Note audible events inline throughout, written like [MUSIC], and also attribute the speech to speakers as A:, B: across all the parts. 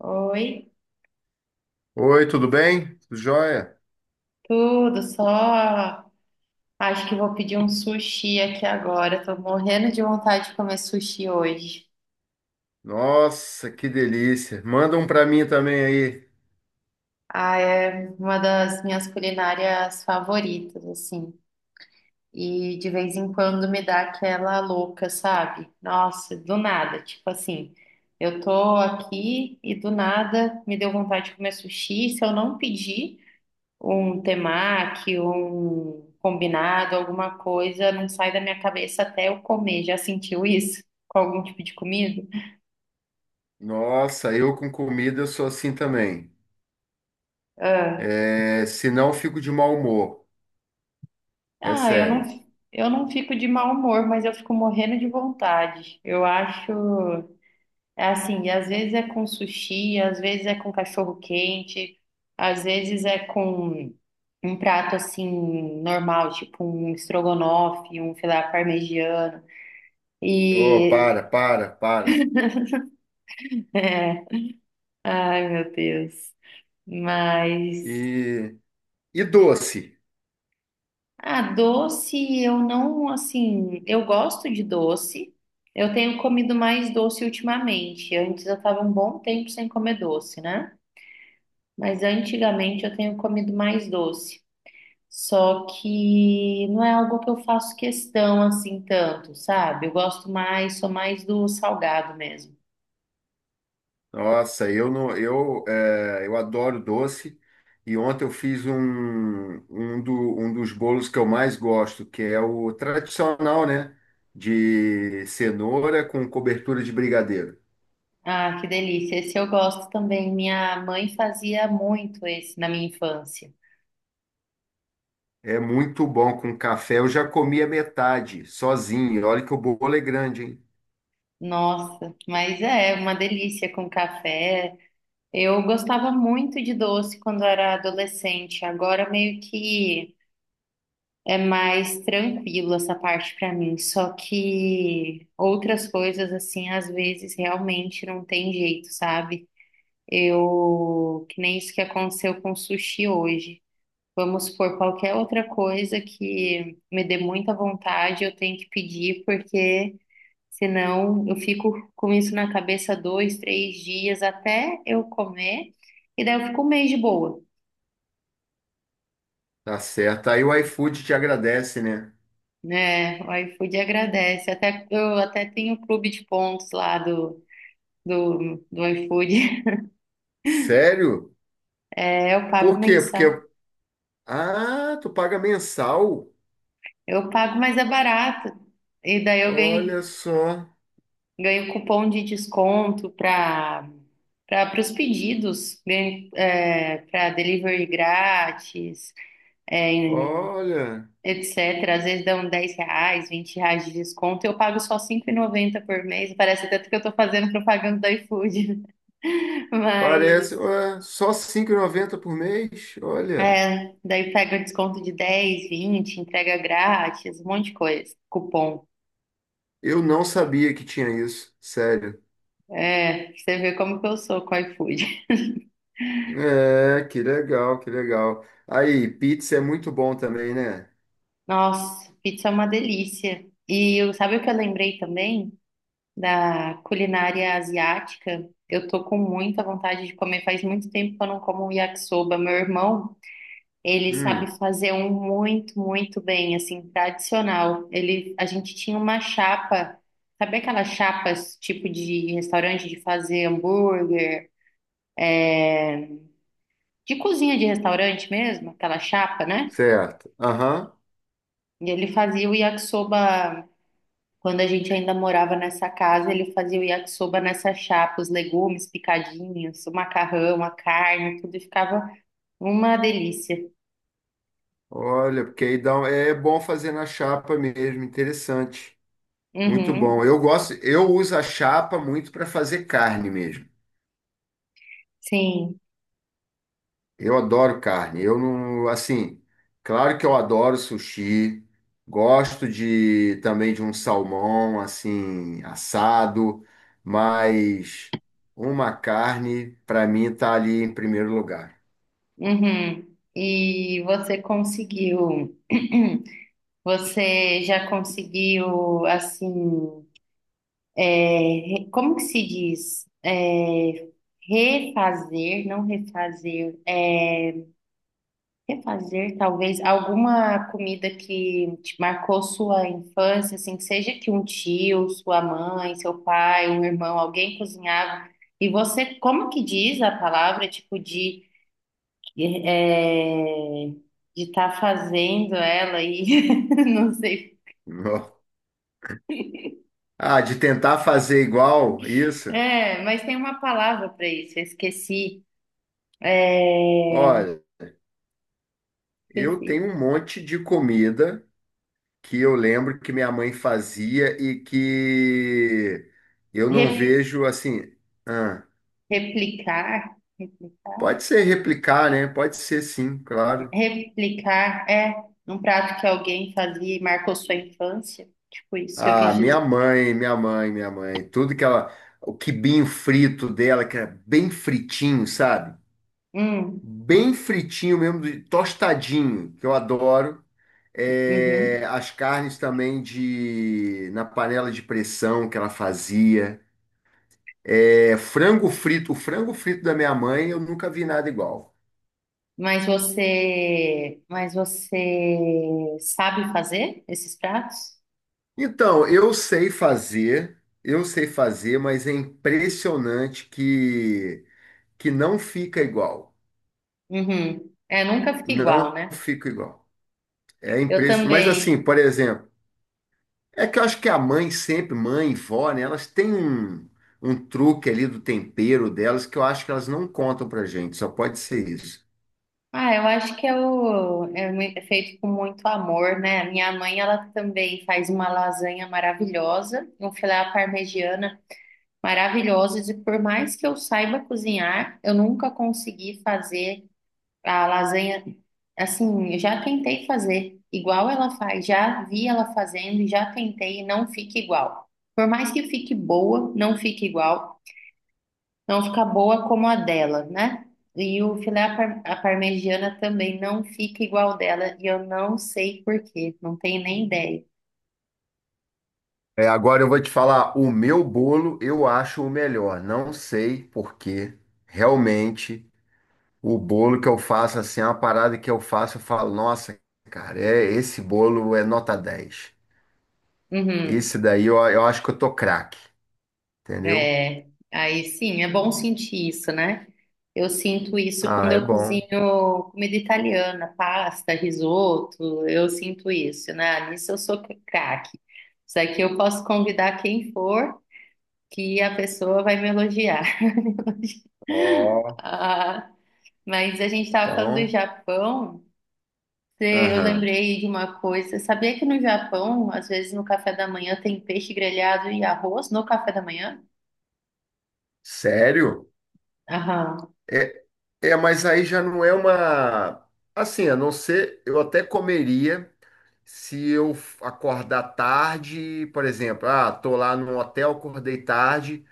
A: Oi,
B: Oi, tudo bem? Tudo jóia?
A: tudo só. Acho que vou pedir um sushi aqui agora. Tô morrendo de vontade de comer sushi hoje.
B: Nossa, que delícia. Manda um para mim também aí.
A: Ah, é uma das minhas culinárias favoritas, assim. E de vez em quando me dá aquela louca, sabe? Nossa, do nada, tipo assim, eu tô aqui e do nada me deu vontade de comer sushi. Se eu não pedir, um temaki, um combinado, alguma coisa, não sai da minha cabeça até eu comer. Já sentiu isso com algum tipo de comida?
B: Nossa, eu com comida eu sou assim também.
A: Ah,
B: É, senão eu fico de mau humor. É
A: ah, eu não,
B: sério.
A: eu não fico de mau humor, mas eu fico morrendo de vontade. Eu acho, é assim, e às vezes é com sushi, às vezes é com cachorro quente, às vezes é com um prato assim normal, tipo um estrogonofe, um filé parmegiano.
B: Oh,
A: E
B: para, para, para.
A: [LAUGHS] Ai, meu Deus. Mas,
B: E, e doce.
A: ah, doce, eu não, assim, eu gosto de doce. Eu tenho comido mais doce ultimamente. Antes eu estava um bom tempo sem comer doce, né? Mas antigamente eu tenho comido mais doce. Só que não é algo que eu faço questão assim tanto, sabe? Eu gosto mais, sou mais do salgado mesmo.
B: Nossa, eu não, eu, é, eu adoro doce. E ontem eu fiz um dos bolos que eu mais gosto, que é o tradicional, né? De cenoura com cobertura de brigadeiro.
A: Ah, que delícia. Esse eu gosto também. Minha mãe fazia muito esse na minha infância.
B: É muito bom com café. Eu já comi a metade, sozinho. E olha que o bolo é grande, hein?
A: Nossa, mas é uma delícia com café. Eu gostava muito de doce quando era adolescente. Agora meio que é mais tranquilo essa parte pra mim. Só que outras coisas assim, às vezes realmente não tem jeito, sabe? Eu, que nem isso que aconteceu com sushi hoje. Vamos supor, qualquer outra coisa que me dê muita vontade, eu tenho que pedir porque senão, eu fico com isso na cabeça 2, 3 dias até eu comer, e daí eu fico um mês de boa,
B: Tá certo. Aí o iFood te agradece, né?
A: né? O iFood agradece. Até, eu até tenho o clube de pontos lá do iFood. [LAUGHS]
B: Sério?
A: É, eu pago
B: Por quê?
A: mensal.
B: Porque. Ah, tu paga mensal?
A: Eu pago, mas é barato. E daí eu ganho,
B: Olha só.
A: ganho cupom de desconto para os pedidos, ganho, é, para delivery grátis é,
B: Olha.
A: etc. Às vezes dão R$ 10, R$ 20 de desconto. Eu pago só 5,90 por mês. Parece tanto que eu tô fazendo propaganda do iFood. [LAUGHS]
B: Parece.
A: Mas,
B: Ué, só R$ 5,90 por mês? Olha.
A: é, daí pega desconto de 10, 20, entrega grátis, um monte de coisa. Cupom.
B: Eu não sabia que tinha isso. Sério.
A: É, você vê como que eu sou com o iFood.
B: É, que legal, que legal. Aí, pizza é muito bom também, né?
A: [LAUGHS] Nossa, pizza é uma delícia. E sabe o que eu lembrei também? Da culinária asiática. Eu tô com muita vontade de comer. Faz muito tempo que eu não como um yakisoba. Meu irmão ele sabe
B: Hum,
A: fazer um muito, muito bem, assim, tradicional. Ele, a gente tinha uma chapa, sabe aquelas chapas tipo de restaurante de fazer hambúrguer, de cozinha de restaurante mesmo, aquela chapa, né?
B: certo. Aham.
A: E ele fazia o yakisoba quando a gente ainda morava nessa casa, ele fazia o yakisoba nessa chapa, os legumes picadinhos, o macarrão, a carne, tudo e ficava uma delícia.
B: Olha, porque aí dá, um- é bom fazer na chapa mesmo, interessante. Muito bom.
A: Uhum.
B: Eu gosto, eu uso a chapa muito para fazer carne mesmo.
A: Sim.
B: Eu adoro carne. Eu não, assim, claro que eu adoro sushi. Gosto de também de um salmão assim assado, mas uma carne para mim tá ali em primeiro lugar.
A: Uhum. E você conseguiu, [CLEARS THROAT] você já conseguiu, assim, é, como que se diz? É, refazer, não refazer, é, refazer talvez alguma comida que te marcou sua infância, assim, que seja que um tio, sua mãe, seu pai, um irmão, alguém cozinhava, e você, como que diz a palavra, tipo, de E, é, de estar fazendo ela e [LAUGHS] não sei.
B: [LAUGHS] Ah, de tentar fazer igual isso?
A: É, mas tem uma palavra para isso, eu esqueci. É,
B: Olha, eu tenho
A: esqueci.
B: um monte de comida que eu lembro que minha mãe fazia e que eu não
A: Re-
B: vejo assim. Ah,
A: replicar, replicar,
B: pode ser replicar, né? Pode ser sim, claro.
A: replicar é um prato que alguém fazia e marcou sua infância. Tipo isso que eu
B: Ah,
A: quis
B: minha
A: dizer.
B: mãe, minha mãe, minha mãe, tudo que ela, o quibinho frito dela, que era bem fritinho, sabe?
A: Hum,
B: Bem fritinho mesmo, tostadinho, que eu adoro.
A: uhum.
B: É, as carnes também de na panela de pressão que ela fazia. É, frango frito, o frango frito da minha mãe, eu nunca vi nada igual.
A: Mas você sabe fazer esses pratos?
B: Então, eu sei fazer, mas é impressionante que não fica igual.
A: Uhum. É, nunca fica
B: Não
A: igual, né?
B: fica igual. É
A: Eu
B: impressionante. Mas
A: também.
B: assim, por exemplo, é que eu acho que a mãe sempre, mãe e vó, né, elas têm um truque ali do tempero delas que eu acho que elas não contam pra gente, só pode ser isso.
A: Ah, eu acho que é, o, é, mui- é feito com muito amor, né? A minha mãe, ela também faz uma lasanha maravilhosa, um filé à parmegiana maravilhoso, e por mais que eu saiba cozinhar, eu nunca consegui fazer a lasanha assim, eu já tentei fazer igual ela faz, já vi ela fazendo e já tentei e não fica igual. Por mais que fique boa, não fica igual, não fica boa como a dela, né? E o filé à parmegiana também não fica igual dela, e eu não sei por quê, não tenho nem ideia.
B: É, agora eu vou te falar, o meu bolo eu acho o melhor. Não sei porque realmente o bolo que eu faço assim, é uma parada que eu faço, eu falo, nossa, cara, é esse bolo é nota 10.
A: Uhum,
B: Esse daí eu acho que eu tô craque, entendeu?
A: é, aí sim, é bom sentir isso, né? Eu sinto isso quando
B: Ah, é
A: eu
B: bom.
A: cozinho comida italiana, pasta, risoto, eu sinto isso, né? Ah, nisso eu sou craque. Isso aqui eu posso convidar quem for, que a pessoa vai me elogiar. [LAUGHS]
B: Ó,
A: Ah, mas a gente estava falando do
B: então,
A: Japão, eu
B: aham.
A: lembrei de uma coisa. Sabia que no Japão, às vezes no café da manhã, tem peixe grelhado e arroz no café da manhã?
B: Sério?
A: Aham,
B: É, é, mas aí já não é uma assim, a não ser eu até comeria. Se eu acordar tarde, por exemplo, ah, tô lá no hotel, acordei tarde,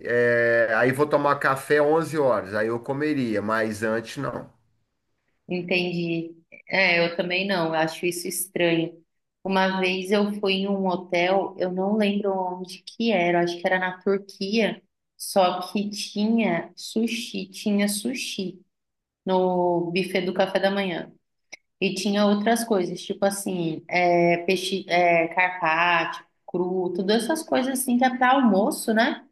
B: é, aí vou tomar café 11 horas, aí eu comeria, mas antes não.
A: entendi. É, eu também não, eu acho isso estranho. Uma vez eu fui em um hotel, eu não lembro onde que era, acho que era na Turquia, só que tinha sushi no buffet do café da manhã. E tinha outras coisas, tipo assim, é, peixe, é, carpaccio, cru, todas essas coisas assim que é para almoço, né?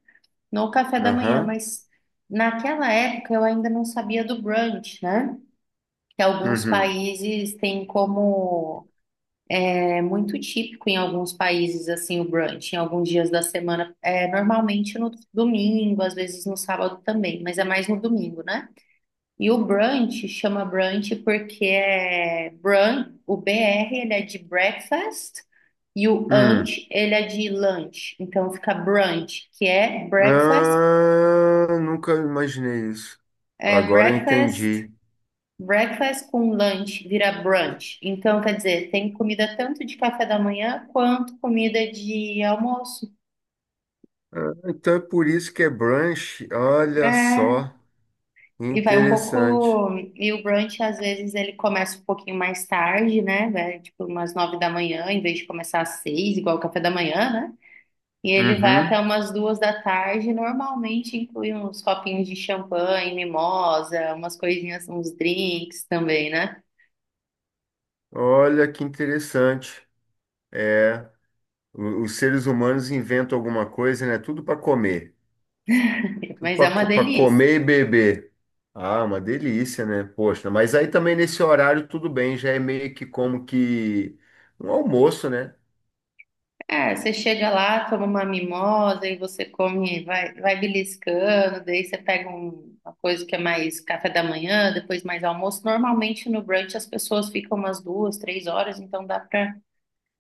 A: No café da manhã,
B: Aham.
A: mas naquela época eu ainda não sabia do brunch, né? Que alguns
B: Uhum.
A: países têm como, é muito típico em alguns países assim o brunch, em alguns dias da semana, é normalmente no domingo, às vezes no sábado também, mas é mais no domingo, né? E o brunch chama brunch porque é brun, o BR ele é de breakfast e o
B: Hum.
A: ant ele é de lunch. Então fica brunch, que
B: Ah, nunca imaginei isso.
A: é
B: Agora eu
A: breakfast,
B: entendi.
A: breakfast com lunch vira brunch. Então quer dizer, tem comida tanto de café da manhã quanto comida de almoço.
B: Ah, então é por isso que é brunch. Olha
A: É,
B: só,
A: e vai um
B: interessante.
A: pouco. E o brunch, às vezes, ele começa um pouquinho mais tarde, né? Vai, tipo, umas 9 da manhã, em vez de começar às 6, igual o café da manhã, né? E ele vai até
B: Uhum.
A: umas 2 da tarde. Normalmente inclui uns copinhos de champanhe, mimosa, umas coisinhas, uns drinks também, né?
B: Olha que interessante. É, o- os seres humanos inventam alguma coisa, né? Tudo para comer. Tudo
A: Mas é uma
B: para
A: delícia.
B: comer e beber. Ah, uma delícia, né? Poxa, mas aí também nesse horário tudo bem, já é meio que como que um almoço, né?
A: É, você chega lá, toma uma mimosa e você come, vai, vai beliscando, daí você pega uma coisa que é mais café da manhã, depois mais almoço. Normalmente no brunch as pessoas ficam umas 2, 3 horas, então dá pra.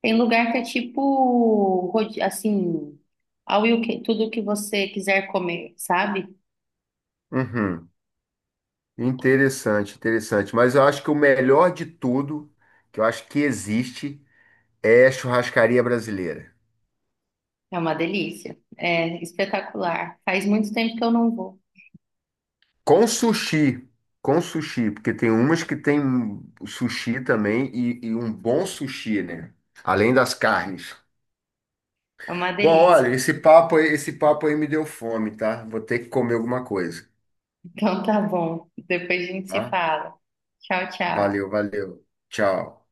A: Tem lugar que é tipo, assim, tudo que você quiser comer, sabe?
B: Uhum. Interessante, interessante. Mas eu acho que o melhor de tudo, que eu acho que existe, é a churrascaria brasileira.
A: É uma delícia. É espetacular. Faz muito tempo que eu não vou.
B: Com sushi, com sushi, porque tem umas que tem sushi também e um bom sushi, né? Além das carnes.
A: É uma
B: Bom,
A: delícia.
B: olha, esse papo aí me deu fome, tá? Vou ter que comer alguma coisa,
A: Então tá bom. Depois a gente se
B: tá?
A: fala. Tchau, tchau.
B: Valeu, valeu. Tchau.